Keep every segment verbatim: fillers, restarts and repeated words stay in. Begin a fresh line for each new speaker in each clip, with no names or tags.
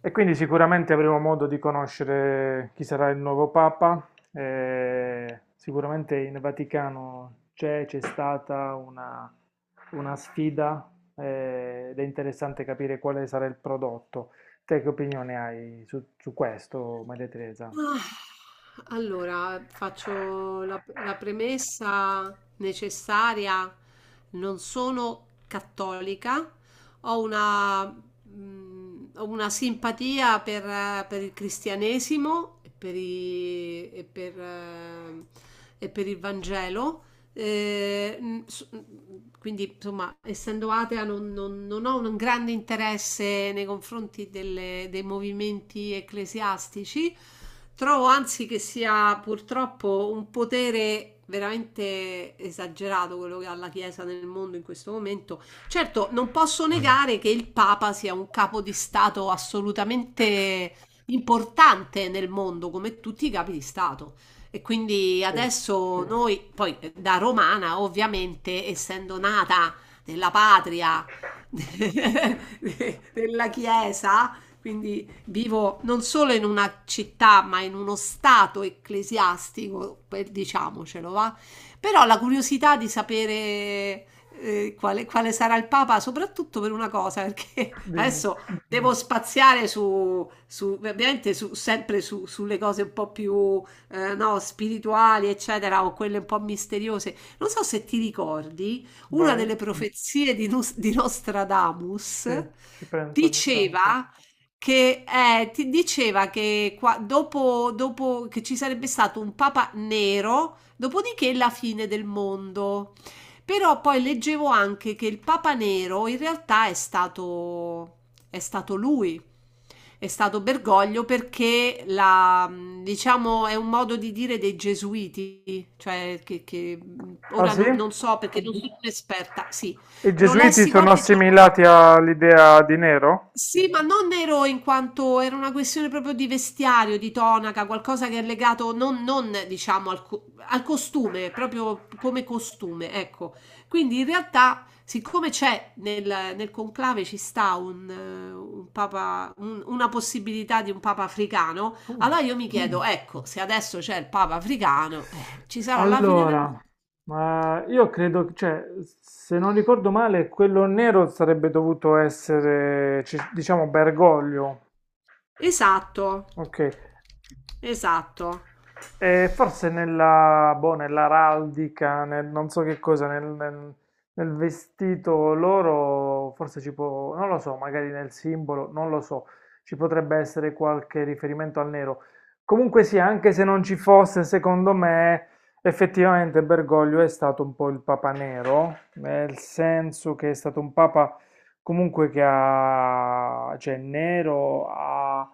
E quindi sicuramente avremo modo di conoscere chi sarà il nuovo Papa. Eh, sicuramente in Vaticano c'è, c'è stata una, una sfida, eh, ed è interessante capire quale sarà il prodotto. Te che opinione hai su, su questo, Maria Teresa?
Ah, allora, faccio la, la premessa necessaria. Non sono cattolica, ho una, mh, ho una simpatia per, eh, per il cristianesimo e per, i- e per, eh, e per il Vangelo, eh, mh, s- mh, quindi, insomma, essendo atea, non, non- non ho un grande interesse nei confronti delle- dei movimenti ecclesiastici. Trovo anzi che sia purtroppo un potere veramente esagerato quello che ha la Chiesa nel mondo in questo momento. Certo, non posso negare che il Papa sia un capo di Stato assolutamente importante nel mondo, come tutti i capi di Stato. E quindi
Sì,
adesso Mm. noi, poi eh, da romana, ovviamente, essendo nata nella patria della Chiesa, quindi vivo non solo in una città, ma in uno stato ecclesiastico, per- diciamocelo, va? Però la curiosità di sapere eh, quale, quale sarà il Papa, soprattutto per una cosa, perché
dimmi,
adesso devo spaziare su, su- ovviamente su- sempre su- sulle cose un po' più eh, no, spirituali, eccetera, o quelle un po' misteriose. Non so se ti ricordi, una
vai.
delle profezie di, Nus- di Nostradamus
Sì, ci penso ogni tanto.
diceva che eh, ti diceva che qua- dopo, dopo che ci sarebbe stato un papa nero, dopodiché la fine del mondo. Però poi leggevo anche che il papa nero in realtà è stato è stato lui. È stato Bergoglio perché la, diciamo, è un modo di dire dei gesuiti, cioè che, che
Ah
ora
sì?
no- non so perché non sono un'esperta, sì,
I
lo
gesuiti
lessi
sono
qualche giorno fa.
assimilati all'idea di Nero?
Sì, ma non nero in quanto era una questione proprio di vestiario, di tonaca, qualcosa che è legato non, non, diciamo al, co- al costume, proprio come costume, ecco. Quindi in realtà, siccome c'è nel, nel conclave ci sta un, eh, un papa, un- una possibilità di un papa africano,
Comunque,
allora io mi
sì.
chiedo, Mm. ecco, se adesso c'è il papa africano, eh, ci sarà la fine del
Allora,
mondo.
ma io credo, cioè, se non ricordo male, quello nero sarebbe dovuto essere, ci- diciamo, Bergoglio.
Esatto,
Ok.
esatto.
Eh, forse nella, boh, nell'araldica, nel, non so che cosa, nel, nel- nel vestito loro, forse ci può, non lo so, magari nel simbolo, non lo so, ci potrebbe essere qualche riferimento al nero. Comunque sì, anche se non ci fosse, secondo me, effettivamente Bergoglio è stato un po' il papa nero, nel senso che è stato un papa comunque che ha, cioè nero, ha,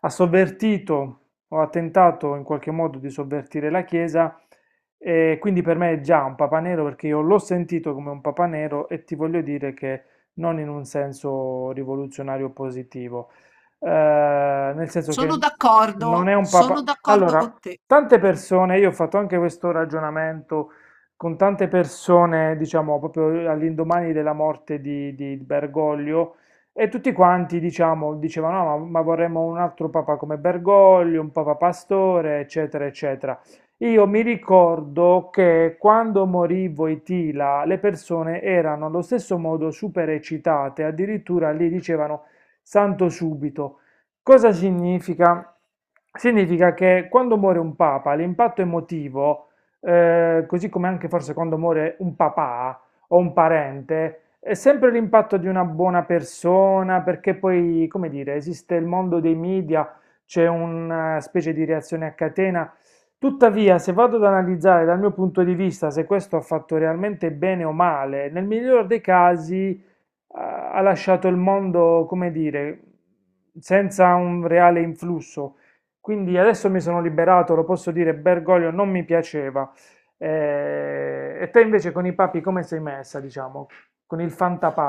ha sovvertito, ho tentato in qualche modo di sovvertire la Chiesa, e quindi per me è già un papa nero perché io l'ho sentito come un papa nero. E ti voglio dire che non in un senso rivoluzionario positivo. Eh, Nel senso
Sono
che non è
d'accordo,
un
sono
papa...
d'accordo
Allora,
con te.
tante persone, io ho fatto anche questo ragionamento con tante persone, diciamo, proprio all'indomani della morte di, di Bergoglio, e tutti quanti, diciamo, dicevano: "No, ma, ma vorremmo un altro papa come Bergoglio, un papa pastore, eccetera, eccetera". Io mi ricordo che quando morì Voitila, le persone erano allo stesso modo super eccitate, addirittura lì dicevano santo subito. Cosa significa? Significa che quando muore un papa, l'impatto emotivo, eh, così come anche forse quando muore un papà, o un parente, è sempre l'impatto di una buona persona, perché poi, come dire, esiste il mondo dei media, c'è una specie di reazione a catena. Tuttavia, se vado ad analizzare dal mio punto di vista se questo ha fatto realmente bene o male, nel miglior dei casi ha ha lasciato il mondo, come dire, senza un reale influsso. Quindi adesso mi sono liberato, lo posso dire, Bergoglio non mi piaceva. Eh, e te invece con i papi come sei messa, diciamo? Con il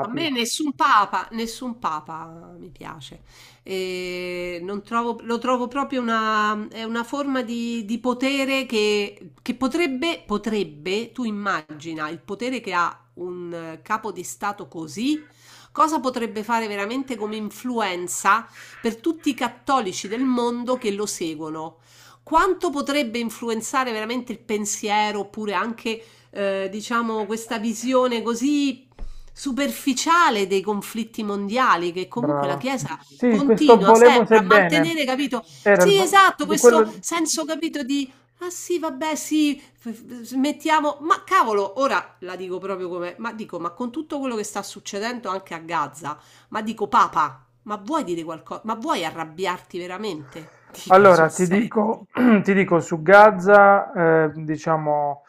A me nessun papa, nessun papa mi piace. E non trovo- lo trovo proprio una, è una forma di, di potere che, che potrebbe, potrebbe, tu immagina il potere che ha un eh, capo di Stato così, cosa potrebbe fare veramente come influenza per tutti i cattolici del mondo che lo seguono? Quanto potrebbe influenzare veramente il pensiero oppure anche eh, diciamo, questa visione così superficiale dei conflitti mondiali che comunque la
brava.
Chiesa
Sì, questo
continua
volemo
sempre
se
a mantenere,
bene.
capito?
Era il
Sì,
vo-
esatto,
di
questo
quello.
senso, capito, di ah sì, vabbè, sì, f- f- mettiamo, ma cavolo, ora la dico proprio come, ma dico, ma con tutto quello che sta succedendo anche a Gaza, ma dico, Papa, ma vuoi dire qualcosa? Ma vuoi arrabbiarti veramente? Dico
Allora,
sul
ti
serio.
dico, ti dico su Gaza, eh, diciamo,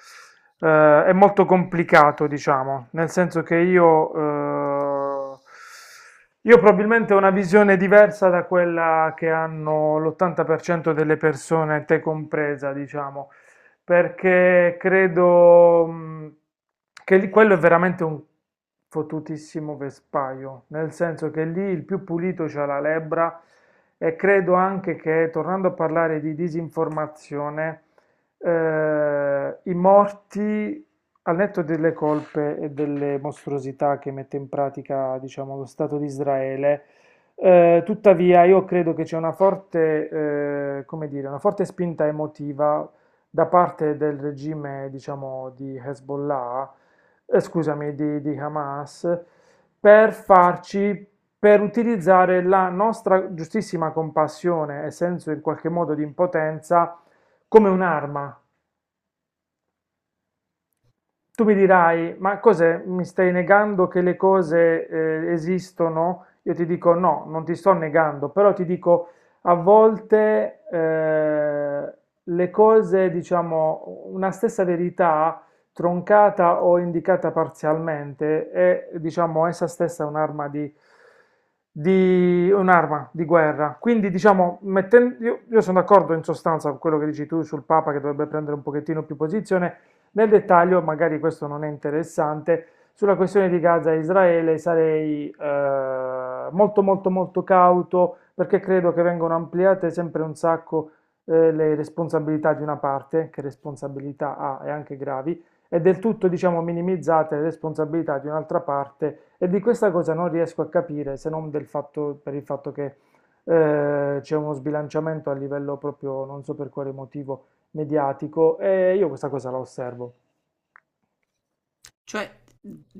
eh, è molto complicato, diciamo, nel senso che io, eh, io probabilmente ho una visione diversa da quella che hanno l'ottanta per cento delle persone, te compresa, diciamo, perché credo mh, che lì- quello è veramente un fottutissimo vespaio, nel senso che lì il più pulito c'ha la lebbra. E credo anche che, tornando a parlare di disinformazione, eh, i morti, al netto delle colpe e delle mostruosità che mette in pratica, diciamo, lo Stato di Israele, eh, tuttavia, io credo che c'è una forte, eh, come dire, una forte spinta emotiva da parte del regime, diciamo, di Hezbollah, eh, scusami, di, di Hamas, per farci, per utilizzare la nostra giustissima compassione e senso in qualche modo di impotenza come un'arma. Tu mi dirai, ma cos'è? Mi stai negando che le cose eh, esistono? Io ti dico no, non ti sto negando, però ti dico a volte eh, le cose, diciamo, una stessa verità troncata o indicata parzialmente è, diciamo, essa stessa un'arma di, di un'arma di guerra. Quindi, diciamo, metten- io, io sono d'accordo in sostanza con quello che dici tu sul Papa, che dovrebbe prendere un pochettino più posizione, nel dettaglio, magari questo non è interessante, sulla questione di Gaza e Israele sarei eh, molto molto molto cauto, perché credo che vengano ampliate sempre un sacco eh, le responsabilità di una parte, che responsabilità ha e anche gravi, e del tutto diciamo minimizzate le responsabilità di un'altra parte. E di questa cosa non riesco a capire se non del fatto, per il fatto che eh, c'è uno sbilanciamento a livello proprio, non so per quale motivo, mediatico, e io questa cosa la osservo.
Cioè,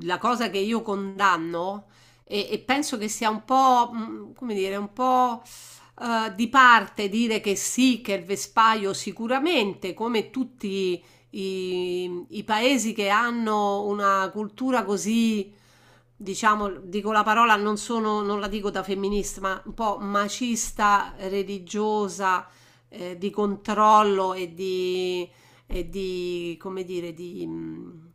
la cosa che io condanno e, e penso che sia un po', mh, come dire, un po' eh, di parte dire che sì, che il vespaio sicuramente, come tutti i, i paesi che hanno una cultura così, diciamo, dico la parola, non sono, non la dico da femminista, ma un po' macista, religiosa, eh, di controllo e di e di, come dire, di... mh,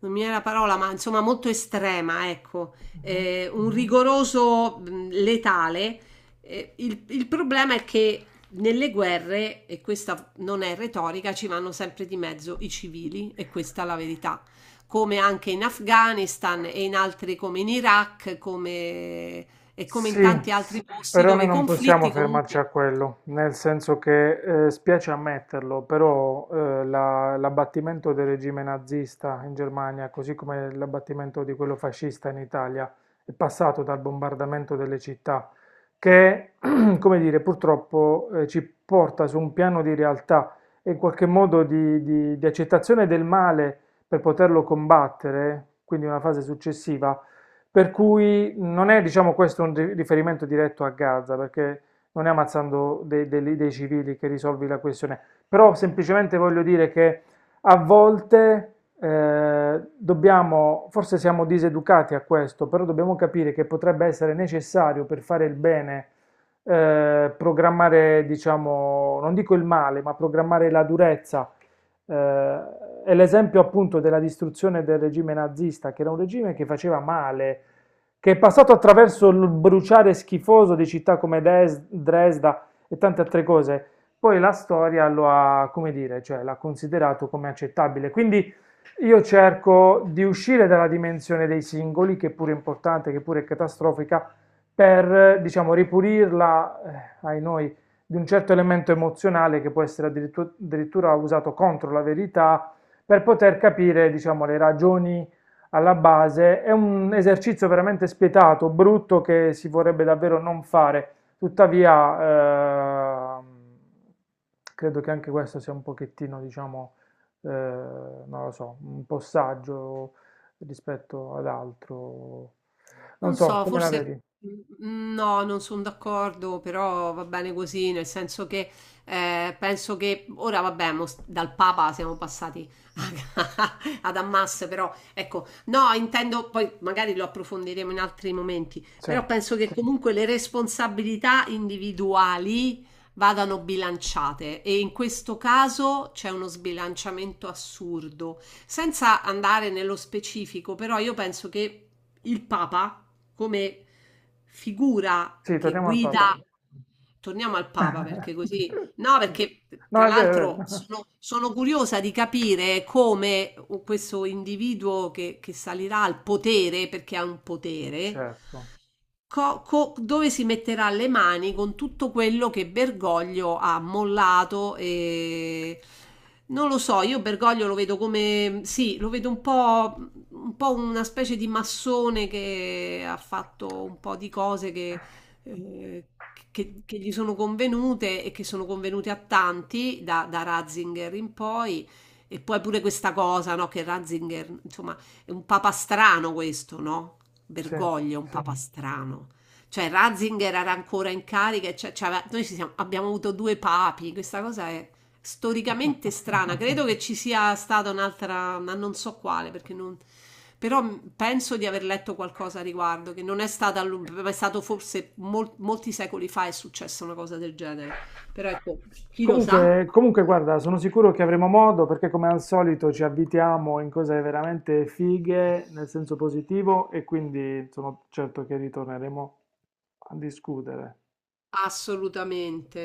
non mi viene la parola, ma insomma molto estrema, ecco,
Mhm.
eh, un rigoroso, mh, letale. Eh, il, il problema è che nelle guerre, e questa non è retorica, ci vanno sempre di mezzo i civili, e questa è la verità. Come anche in Afghanistan e in altri come in Iraq, come, e come in
Sì,
tanti altri posti
però
dove
noi
i
non possiamo
conflitti comunque.
fermarci a quello, nel senso che eh, spiace ammetterlo, però eh, la- l'abbattimento del regime nazista in Germania, così come l'abbattimento di quello fascista in Italia, è passato dal bombardamento delle città, che, come dire, purtroppo eh, ci porta su un piano di realtà e in qualche modo di, di di accettazione del male per poterlo combattere, quindi una fase successiva, per cui non è, diciamo, questo un ri- riferimento diretto a Gaza, perché non è ammazzando dei, dei- dei civili che risolvi la questione, però semplicemente voglio dire che a volte eh, dobbiamo, forse siamo diseducati a questo, però dobbiamo capire che potrebbe essere necessario per fare il bene, eh, programmare, diciamo, non dico il male, ma programmare la durezza. eh, è l'esempio appunto della distruzione del regime nazista, che era un regime che faceva male, che è passato attraverso il bruciare schifoso di città come Des- Dresda e tante altre cose. Poi la storia lo ha, come dire, cioè l'ha considerato come accettabile. Quindi io cerco di uscire dalla dimensione dei singoli, che pure è importante, che pure è catastrofica, per, diciamo, ripulirla, eh, ai noi, di un certo elemento emozionale che può essere addirittu- addirittura usato contro la verità, per poter capire, diciamo, le ragioni alla base. È un esercizio veramente spietato, brutto, che si vorrebbe davvero non fare. Tuttavia, ehm, credo che anche questo sia un pochettino, diciamo, eh, non lo so, un po' saggio rispetto ad altro. Non
Non so,
so,
no,
come la
forse
vedi?
mm, no, non sono d'accordo, però va bene così, nel senso che eh, penso che ora, vabbè, mo s- dal Papa siamo passati a- ad Hamas, però ecco, no, intendo, poi magari lo approfondiremo in altri momenti,
Sì,
però penso che, sì, comunque le responsabilità individuali vadano bilanciate e in questo caso c'è uno sbilanciamento assurdo. Senza andare nello specifico, però io penso che il Papa come figura
sì,
che
torniamo al Papa.
guida, torniamo al Papa perché così, no, perché
No,
tra
è vero, è
l'altro
vero.
sono, sono curiosa di capire come questo individuo che, che salirà al potere, perché ha un potere,
Certo,
co- co- dove si metterà le mani con tutto quello che Bergoglio ha mollato, e non lo so. Io Bergoglio lo vedo come sì, lo vedo un po', un po' una specie di massone che ha fatto un po' di cose che, eh, che- che gli sono convenute e che sono convenute a tanti da, da Ratzinger in poi. E poi pure questa cosa, no, che Ratzinger, insomma, è un papastrano questo, no?
sì.
Bergoglio, è un papastrano. Cioè Ratzinger era ancora in carica, e cioè- cioè aveva- noi ci siamo- abbiamo avuto due papi, questa cosa è storicamente strana. Credo che ci sia stata un'altra, ma non so quale, perché non. Però mh, penso di aver letto qualcosa a riguardo, che non è stata, a lungo, ma è stato forse mol- molti secoli fa è successa una cosa del genere. Però ecco, chi lo sa?
Comunque, comunque, guarda, sono sicuro che avremo modo perché come al solito ci abitiamo in cose veramente fighe nel senso positivo, e quindi sono certo che ritorneremo a discutere.
Assolutamente.